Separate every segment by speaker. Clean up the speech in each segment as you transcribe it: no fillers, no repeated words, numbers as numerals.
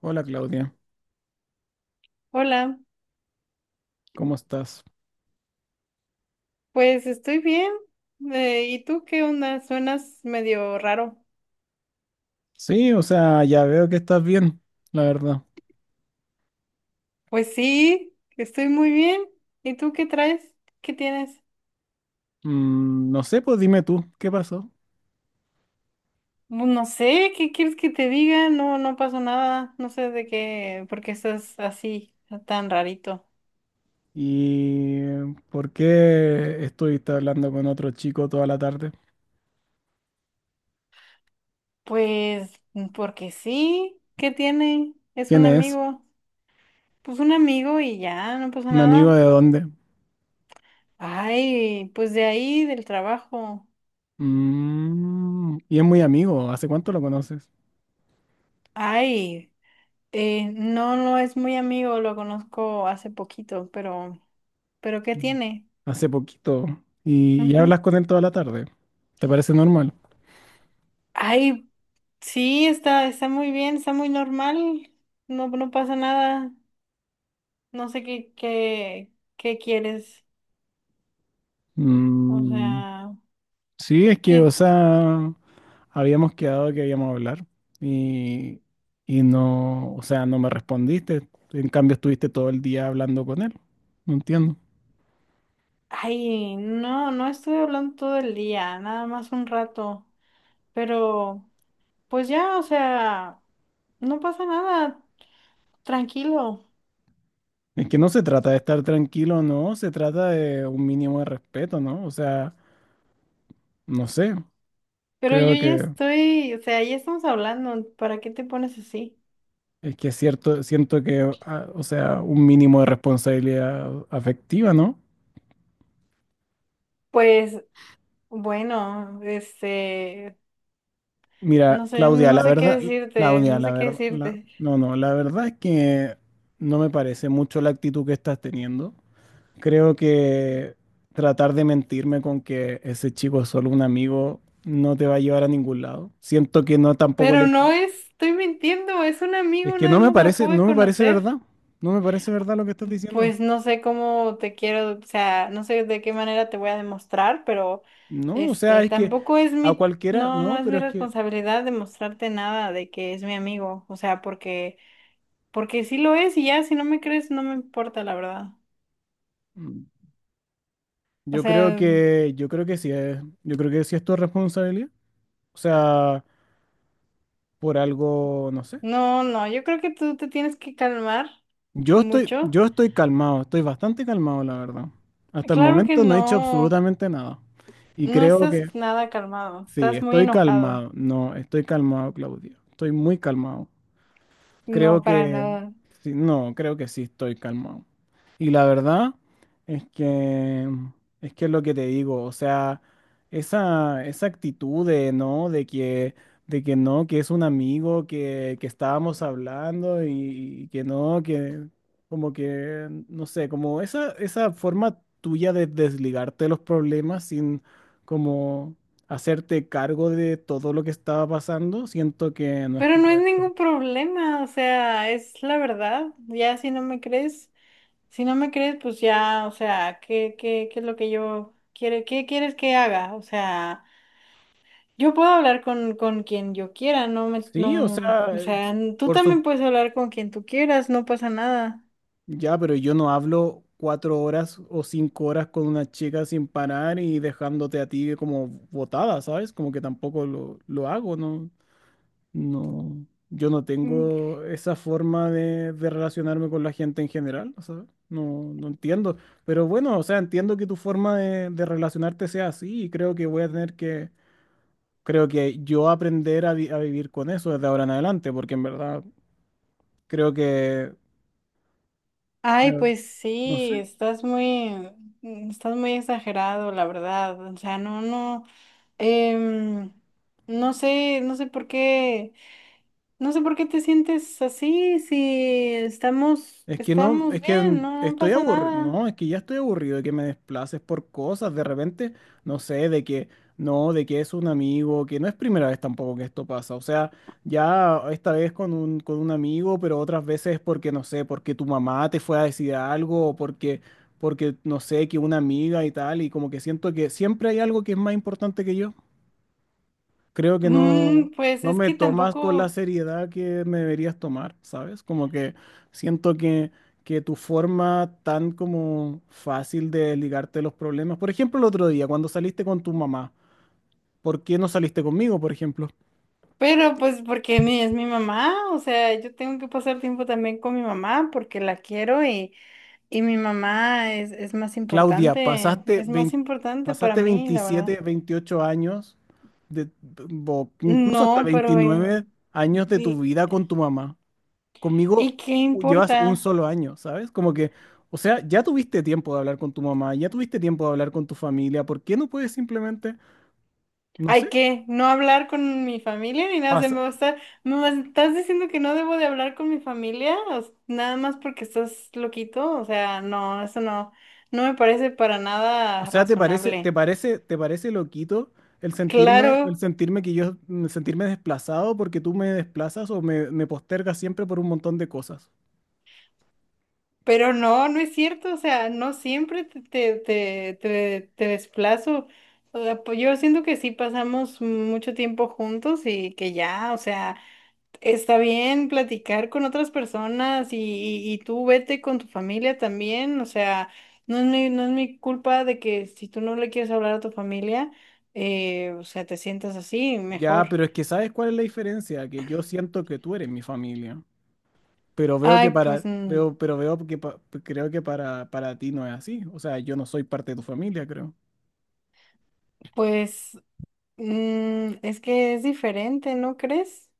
Speaker 1: Hola Claudia,
Speaker 2: Hola,
Speaker 1: ¿cómo estás?
Speaker 2: pues estoy bien. ¿Y tú qué onda? Suenas medio raro.
Speaker 1: Sí, o sea, ya veo que estás bien, la verdad.
Speaker 2: Pues sí, estoy muy bien. ¿Y tú qué traes? ¿Qué tienes?
Speaker 1: No sé, pues dime tú, ¿qué pasó?
Speaker 2: No sé, ¿qué quieres que te diga? No, no pasó nada. No sé de qué, por qué estás así, tan rarito.
Speaker 1: ¿Y por qué estuviste hablando con otro chico toda la tarde?
Speaker 2: Pues porque sí, ¿qué tiene? Es
Speaker 1: ¿Quién
Speaker 2: un
Speaker 1: es?
Speaker 2: amigo. Pues un amigo y ya, no pasó
Speaker 1: ¿Un amigo
Speaker 2: nada.
Speaker 1: de dónde?
Speaker 2: Ay, pues de ahí, del trabajo.
Speaker 1: Y es muy amigo, ¿hace cuánto lo conoces?
Speaker 2: Ay. No, no es muy amigo, lo conozco hace poquito, pero ¿qué
Speaker 1: Mm.
Speaker 2: tiene?
Speaker 1: Hace poquito. ¿Y
Speaker 2: Ujú.
Speaker 1: hablas con él toda la tarde? ¿Te parece normal?
Speaker 2: Ay, sí, está, está muy bien, está muy normal, no, no pasa nada, no sé qué, qué, qué quieres, o
Speaker 1: Mm,
Speaker 2: sea,
Speaker 1: Sí, es que, o
Speaker 2: qué,
Speaker 1: sea, habíamos quedado que íbamos a hablar y, y no, o sea, no me respondiste. En cambio, estuviste todo el día hablando con él. No entiendo.
Speaker 2: ay, no, no estuve hablando todo el día, nada más un rato, pero, pues ya, o sea, no pasa nada, tranquilo.
Speaker 1: Es que no se trata de estar tranquilo, no, se trata de un mínimo de respeto, ¿no? O sea, no sé,
Speaker 2: Pero yo
Speaker 1: creo
Speaker 2: ya estoy, o sea, ya estamos hablando, ¿para qué te pones así?
Speaker 1: que es cierto, siento que, o sea, un mínimo de responsabilidad afectiva, ¿no?
Speaker 2: Pues bueno, este, no
Speaker 1: Mira,
Speaker 2: sé, no sé qué decirte,
Speaker 1: Claudia,
Speaker 2: no
Speaker 1: la
Speaker 2: sé qué
Speaker 1: verdad,
Speaker 2: decirte.
Speaker 1: no, no, la verdad es que no me parece mucho la actitud que estás teniendo. Creo que tratar de mentirme con que ese chico es solo un amigo no te va a llevar a ningún lado. Siento que no tampoco
Speaker 2: Pero
Speaker 1: le.
Speaker 2: no es, estoy mintiendo, es un
Speaker 1: Es
Speaker 2: amigo,
Speaker 1: que
Speaker 2: nada
Speaker 1: no me
Speaker 2: más lo
Speaker 1: parece,
Speaker 2: acabo de
Speaker 1: no me parece
Speaker 2: conocer.
Speaker 1: verdad. No me parece verdad lo que estás diciendo.
Speaker 2: Pues no sé cómo te quiero, o sea, no sé de qué manera te voy a demostrar, pero
Speaker 1: No, o sea,
Speaker 2: este,
Speaker 1: es que
Speaker 2: tampoco es
Speaker 1: a
Speaker 2: mi,
Speaker 1: cualquiera,
Speaker 2: no, no
Speaker 1: no,
Speaker 2: es
Speaker 1: pero
Speaker 2: mi
Speaker 1: es que
Speaker 2: responsabilidad demostrarte nada de que es mi amigo, o sea, porque, porque sí lo es y ya, si no me crees, no me importa, la verdad.
Speaker 1: mm,
Speaker 2: O sea,
Speaker 1: yo creo que sí es tu responsabilidad. O sea, por algo, no sé.
Speaker 2: no, no, yo creo que tú te tienes que calmar
Speaker 1: Yo estoy,
Speaker 2: mucho.
Speaker 1: yo estoy calmado, estoy bastante calmado, la verdad. Hasta el
Speaker 2: Claro que
Speaker 1: momento no he hecho
Speaker 2: no,
Speaker 1: absolutamente nada. Y
Speaker 2: no
Speaker 1: creo
Speaker 2: estás
Speaker 1: que
Speaker 2: nada calmado,
Speaker 1: sí,
Speaker 2: estás muy
Speaker 1: estoy
Speaker 2: enojado.
Speaker 1: calmado. No, estoy calmado, Claudio. Estoy muy calmado. Creo
Speaker 2: No, para
Speaker 1: que
Speaker 2: nada.
Speaker 1: sí, no, creo que sí estoy calmado. Y la verdad es que es que es lo que te digo, o sea, esa actitud de no, de que no, que es un amigo, que estábamos hablando y que no, que como que, no sé, como esa forma tuya de desligarte de los problemas sin como hacerte cargo de todo lo que estaba pasando, siento que no es
Speaker 2: Pero no es
Speaker 1: correcto.
Speaker 2: ningún problema, o sea, es la verdad. Ya si no me crees, si no me crees, pues ya, o sea, ¿qué, qué, qué es lo que yo quiere, qué quieres que haga? O sea, yo puedo hablar con quien yo quiera, no me,
Speaker 1: Sí, o
Speaker 2: no,
Speaker 1: sea,
Speaker 2: o sea, tú
Speaker 1: por su.
Speaker 2: también puedes hablar con quien tú quieras, no pasa nada.
Speaker 1: Ya, pero yo no hablo 4 horas o 5 horas con una chica sin parar y dejándote a ti como botada, ¿sabes? Como que tampoco lo hago, ¿no? No, yo no tengo esa forma de relacionarme con la gente en general, o sea, no, no entiendo. Pero bueno, o sea, entiendo que tu forma de relacionarte sea así y creo que yo aprender a, a vivir con eso desde ahora en adelante, porque en verdad creo que.
Speaker 2: Ay,
Speaker 1: Creo.
Speaker 2: pues
Speaker 1: No
Speaker 2: sí,
Speaker 1: sé.
Speaker 2: estás muy exagerado, la verdad. O sea, no, no, em, no sé, no sé por qué, no sé por qué te sientes así, si estamos,
Speaker 1: Es que no, es
Speaker 2: estamos
Speaker 1: que
Speaker 2: bien, no, no
Speaker 1: estoy
Speaker 2: pasa
Speaker 1: aburrido.
Speaker 2: nada.
Speaker 1: No, es que ya estoy aburrido de que me desplaces por cosas. De repente, no sé, de que no, de que es un amigo, que no es primera vez tampoco que esto pasa. O sea, ya esta vez con un amigo, pero otras veces porque, no sé, porque tu mamá te fue a decir algo, o no sé, que una amiga y tal, y como que siento que siempre hay algo que es más importante que yo. Creo que no,
Speaker 2: Pues
Speaker 1: no
Speaker 2: es
Speaker 1: me
Speaker 2: que
Speaker 1: tomas con la
Speaker 2: tampoco,
Speaker 1: seriedad que me deberías tomar, ¿sabes? Como que siento que tu forma tan como fácil de ligarte a los problemas. Por ejemplo, el otro día, cuando saliste con tu mamá, ¿por qué no saliste conmigo, por ejemplo?
Speaker 2: pero pues porque mi, es mi mamá, o sea, yo tengo que pasar tiempo también con mi mamá porque la quiero y mi mamá
Speaker 1: Claudia, pasaste
Speaker 2: es más
Speaker 1: 20
Speaker 2: importante para
Speaker 1: pasaste
Speaker 2: mí, la verdad.
Speaker 1: 27 28 años, de, o incluso hasta
Speaker 2: No, pero
Speaker 1: 29 años de tu
Speaker 2: ¿y,
Speaker 1: vida con tu mamá. Conmigo
Speaker 2: y qué
Speaker 1: llevas un
Speaker 2: importa?
Speaker 1: solo año, ¿sabes? Como que, o sea, ya tuviste tiempo de hablar con tu mamá, ya tuviste tiempo de hablar con tu familia, ¿por qué no puedes simplemente, no sé,
Speaker 2: ¿Hay que no hablar con mi familia ni nada? Se
Speaker 1: pasa?
Speaker 2: me va a estar- ¿me vas- estás diciendo que no debo de hablar con mi familia? Nada más porque estás loquito. O sea, no, eso no, no me parece para
Speaker 1: O
Speaker 2: nada
Speaker 1: sea, ¿te parece, te
Speaker 2: razonable.
Speaker 1: parece, te parece loquito el sentirme, el
Speaker 2: Claro,
Speaker 1: sentirme que yo, el sentirme desplazado porque tú me desplazas o me postergas siempre por un montón de cosas?
Speaker 2: pero no, no es cierto. O sea, no siempre te, te, te, te desplazo. O sea, pues yo siento que sí pasamos mucho tiempo juntos y que ya, o sea. Está bien platicar con otras personas y, y tú vete con tu familia también, o sea, no es mi, no es mi culpa de que si tú no le quieres hablar a tu familia, o sea, te sientas así,
Speaker 1: Ya,
Speaker 2: mejor.
Speaker 1: pero es que ¿sabes cuál es la diferencia? Que yo siento que tú eres mi familia. Pero veo que
Speaker 2: Ay, pues,
Speaker 1: para, veo, pero veo que pa- creo que para ti no es así. O sea, yo no soy parte de tu familia, creo.
Speaker 2: pues, es que es diferente, ¿no crees?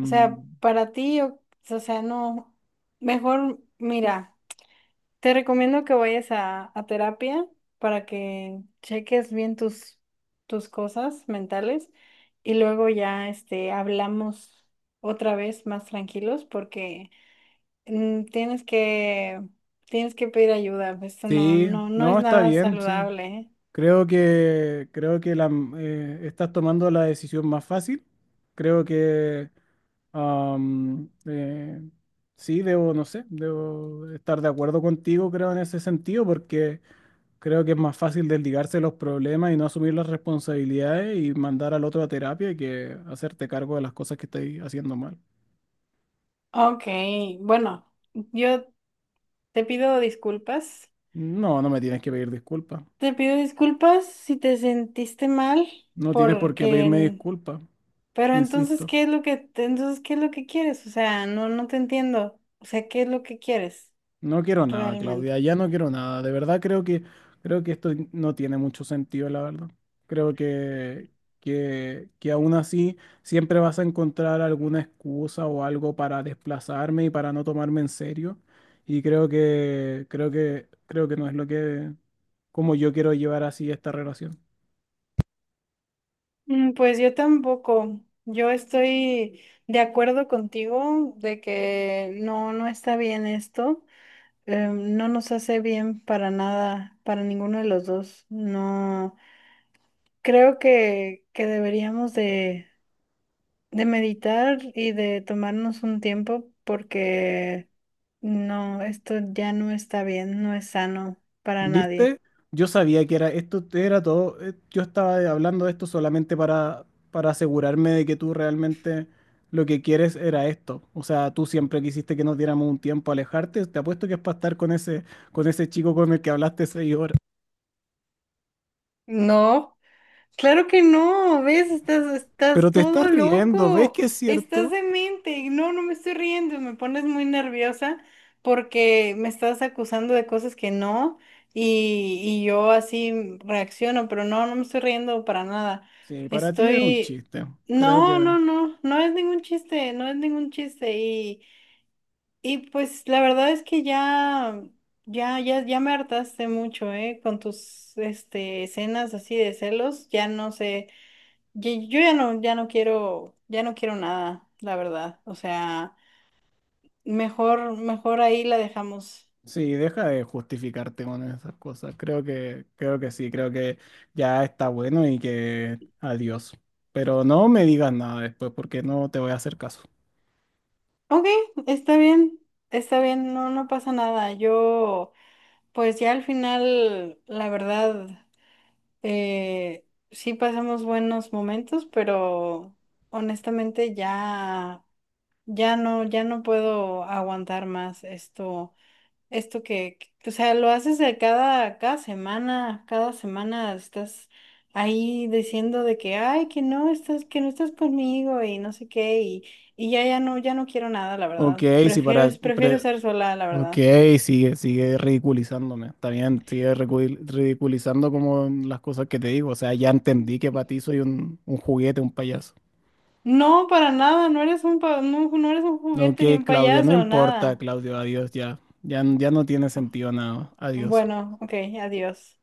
Speaker 2: O sea, para ti, o sea, no, mejor mira. Te recomiendo que vayas a terapia para que cheques bien tus, tus cosas mentales y luego ya este, hablamos otra vez más tranquilos porque mm, tienes que, tienes que pedir ayuda. Esto no,
Speaker 1: sí,
Speaker 2: no, no es
Speaker 1: no, está
Speaker 2: nada
Speaker 1: bien, sí.
Speaker 2: saludable, ¿eh?
Speaker 1: Creo que estás tomando la decisión más fácil. Creo que am, eh, sí, debo, no sé, debo estar de acuerdo contigo, creo, en ese sentido, porque creo que es más fácil desligarse de los problemas y no asumir las responsabilidades y mandar al otro a terapia que hacerte cargo de las cosas que estáis haciendo mal.
Speaker 2: Ok, bueno, yo te pido disculpas.
Speaker 1: No, no me tienes que pedir disculpas.
Speaker 2: Te pido disculpas si te sentiste mal
Speaker 1: No tienes por qué pedirme
Speaker 2: porque
Speaker 1: disculpas,
Speaker 2: pero entonces,
Speaker 1: insisto.
Speaker 2: ¿qué es lo que, entonces, qué es lo que quieres? O sea, no, no te entiendo. O sea, ¿qué es lo que quieres
Speaker 1: No quiero nada,
Speaker 2: realmente?
Speaker 1: Claudia, ya no quiero nada. De verdad creo que esto no tiene mucho sentido, la verdad. Creo que aún así siempre vas a encontrar alguna excusa o algo para desplazarme y para no tomarme en serio. Y creo que no es lo que como yo quiero llevar así esta relación.
Speaker 2: Pues yo tampoco. Yo estoy de acuerdo contigo de que no, no está bien esto. No nos hace bien para nada, para ninguno de los dos. No, creo que deberíamos de meditar y de tomarnos un tiempo porque no, esto ya no está bien, no es sano para nadie.
Speaker 1: ¿Viste? Yo sabía que era esto era todo. Yo estaba hablando de esto solamente para asegurarme de que tú realmente lo que quieres era esto. O sea, tú siempre quisiste que nos diéramos un tiempo a alejarte. Te apuesto que es para estar con ese chico con el que hablaste 6 horas.
Speaker 2: No. Claro que no, ¿ves? Estás,
Speaker 1: Pero
Speaker 2: estás
Speaker 1: te
Speaker 2: todo
Speaker 1: estás riendo, ¿ves
Speaker 2: loco,
Speaker 1: que es
Speaker 2: estás
Speaker 1: cierto?
Speaker 2: demente. Y no, no me estoy riendo, me pones muy nerviosa porque me estás acusando de cosas que no y, y yo así reacciono, pero no, no me estoy riendo para nada.
Speaker 1: Sí, para ti es un
Speaker 2: Estoy...
Speaker 1: chiste. Creo
Speaker 2: No,
Speaker 1: que.
Speaker 2: no, no, no es ningún chiste, no es ningún chiste. Y pues la verdad es que ya, ya, ya, ya me hartaste mucho, ¿eh? Con tus, este, escenas así de celos, ya no sé. Yo ya no, ya no quiero nada, la verdad. O sea, mejor, mejor ahí la dejamos.
Speaker 1: Sí, deja de justificarte con esas cosas. Creo que ya está bueno y que adiós. Pero no me digas nada después porque no te voy a hacer caso.
Speaker 2: Ok, está bien, está bien, no, no pasa nada. Yo, pues ya al final, la verdad, sí pasamos buenos momentos, pero honestamente ya, ya no, ya no puedo aguantar más esto. Esto que, o sea, lo haces de cada, cada semana estás ahí diciendo de que, ay, que no estás conmigo y no sé qué, y ya, ya no, ya no quiero nada, la
Speaker 1: Ok,
Speaker 2: verdad.
Speaker 1: sí,
Speaker 2: Prefiero, prefiero estar sola, la
Speaker 1: ok,
Speaker 2: verdad.
Speaker 1: sigue ridiculizándome. Está bien, sigue ridiculizando como las cosas que te digo. O sea, ya entendí que para ti soy un juguete, un payaso.
Speaker 2: No, para nada, no eres un, no, no eres un
Speaker 1: Ok,
Speaker 2: juguete ni un
Speaker 1: Claudia, no
Speaker 2: payaso,
Speaker 1: importa,
Speaker 2: nada.
Speaker 1: Claudio, adiós ya. Ya, ya no tiene sentido nada. Adiós.
Speaker 2: Bueno, ok, adiós.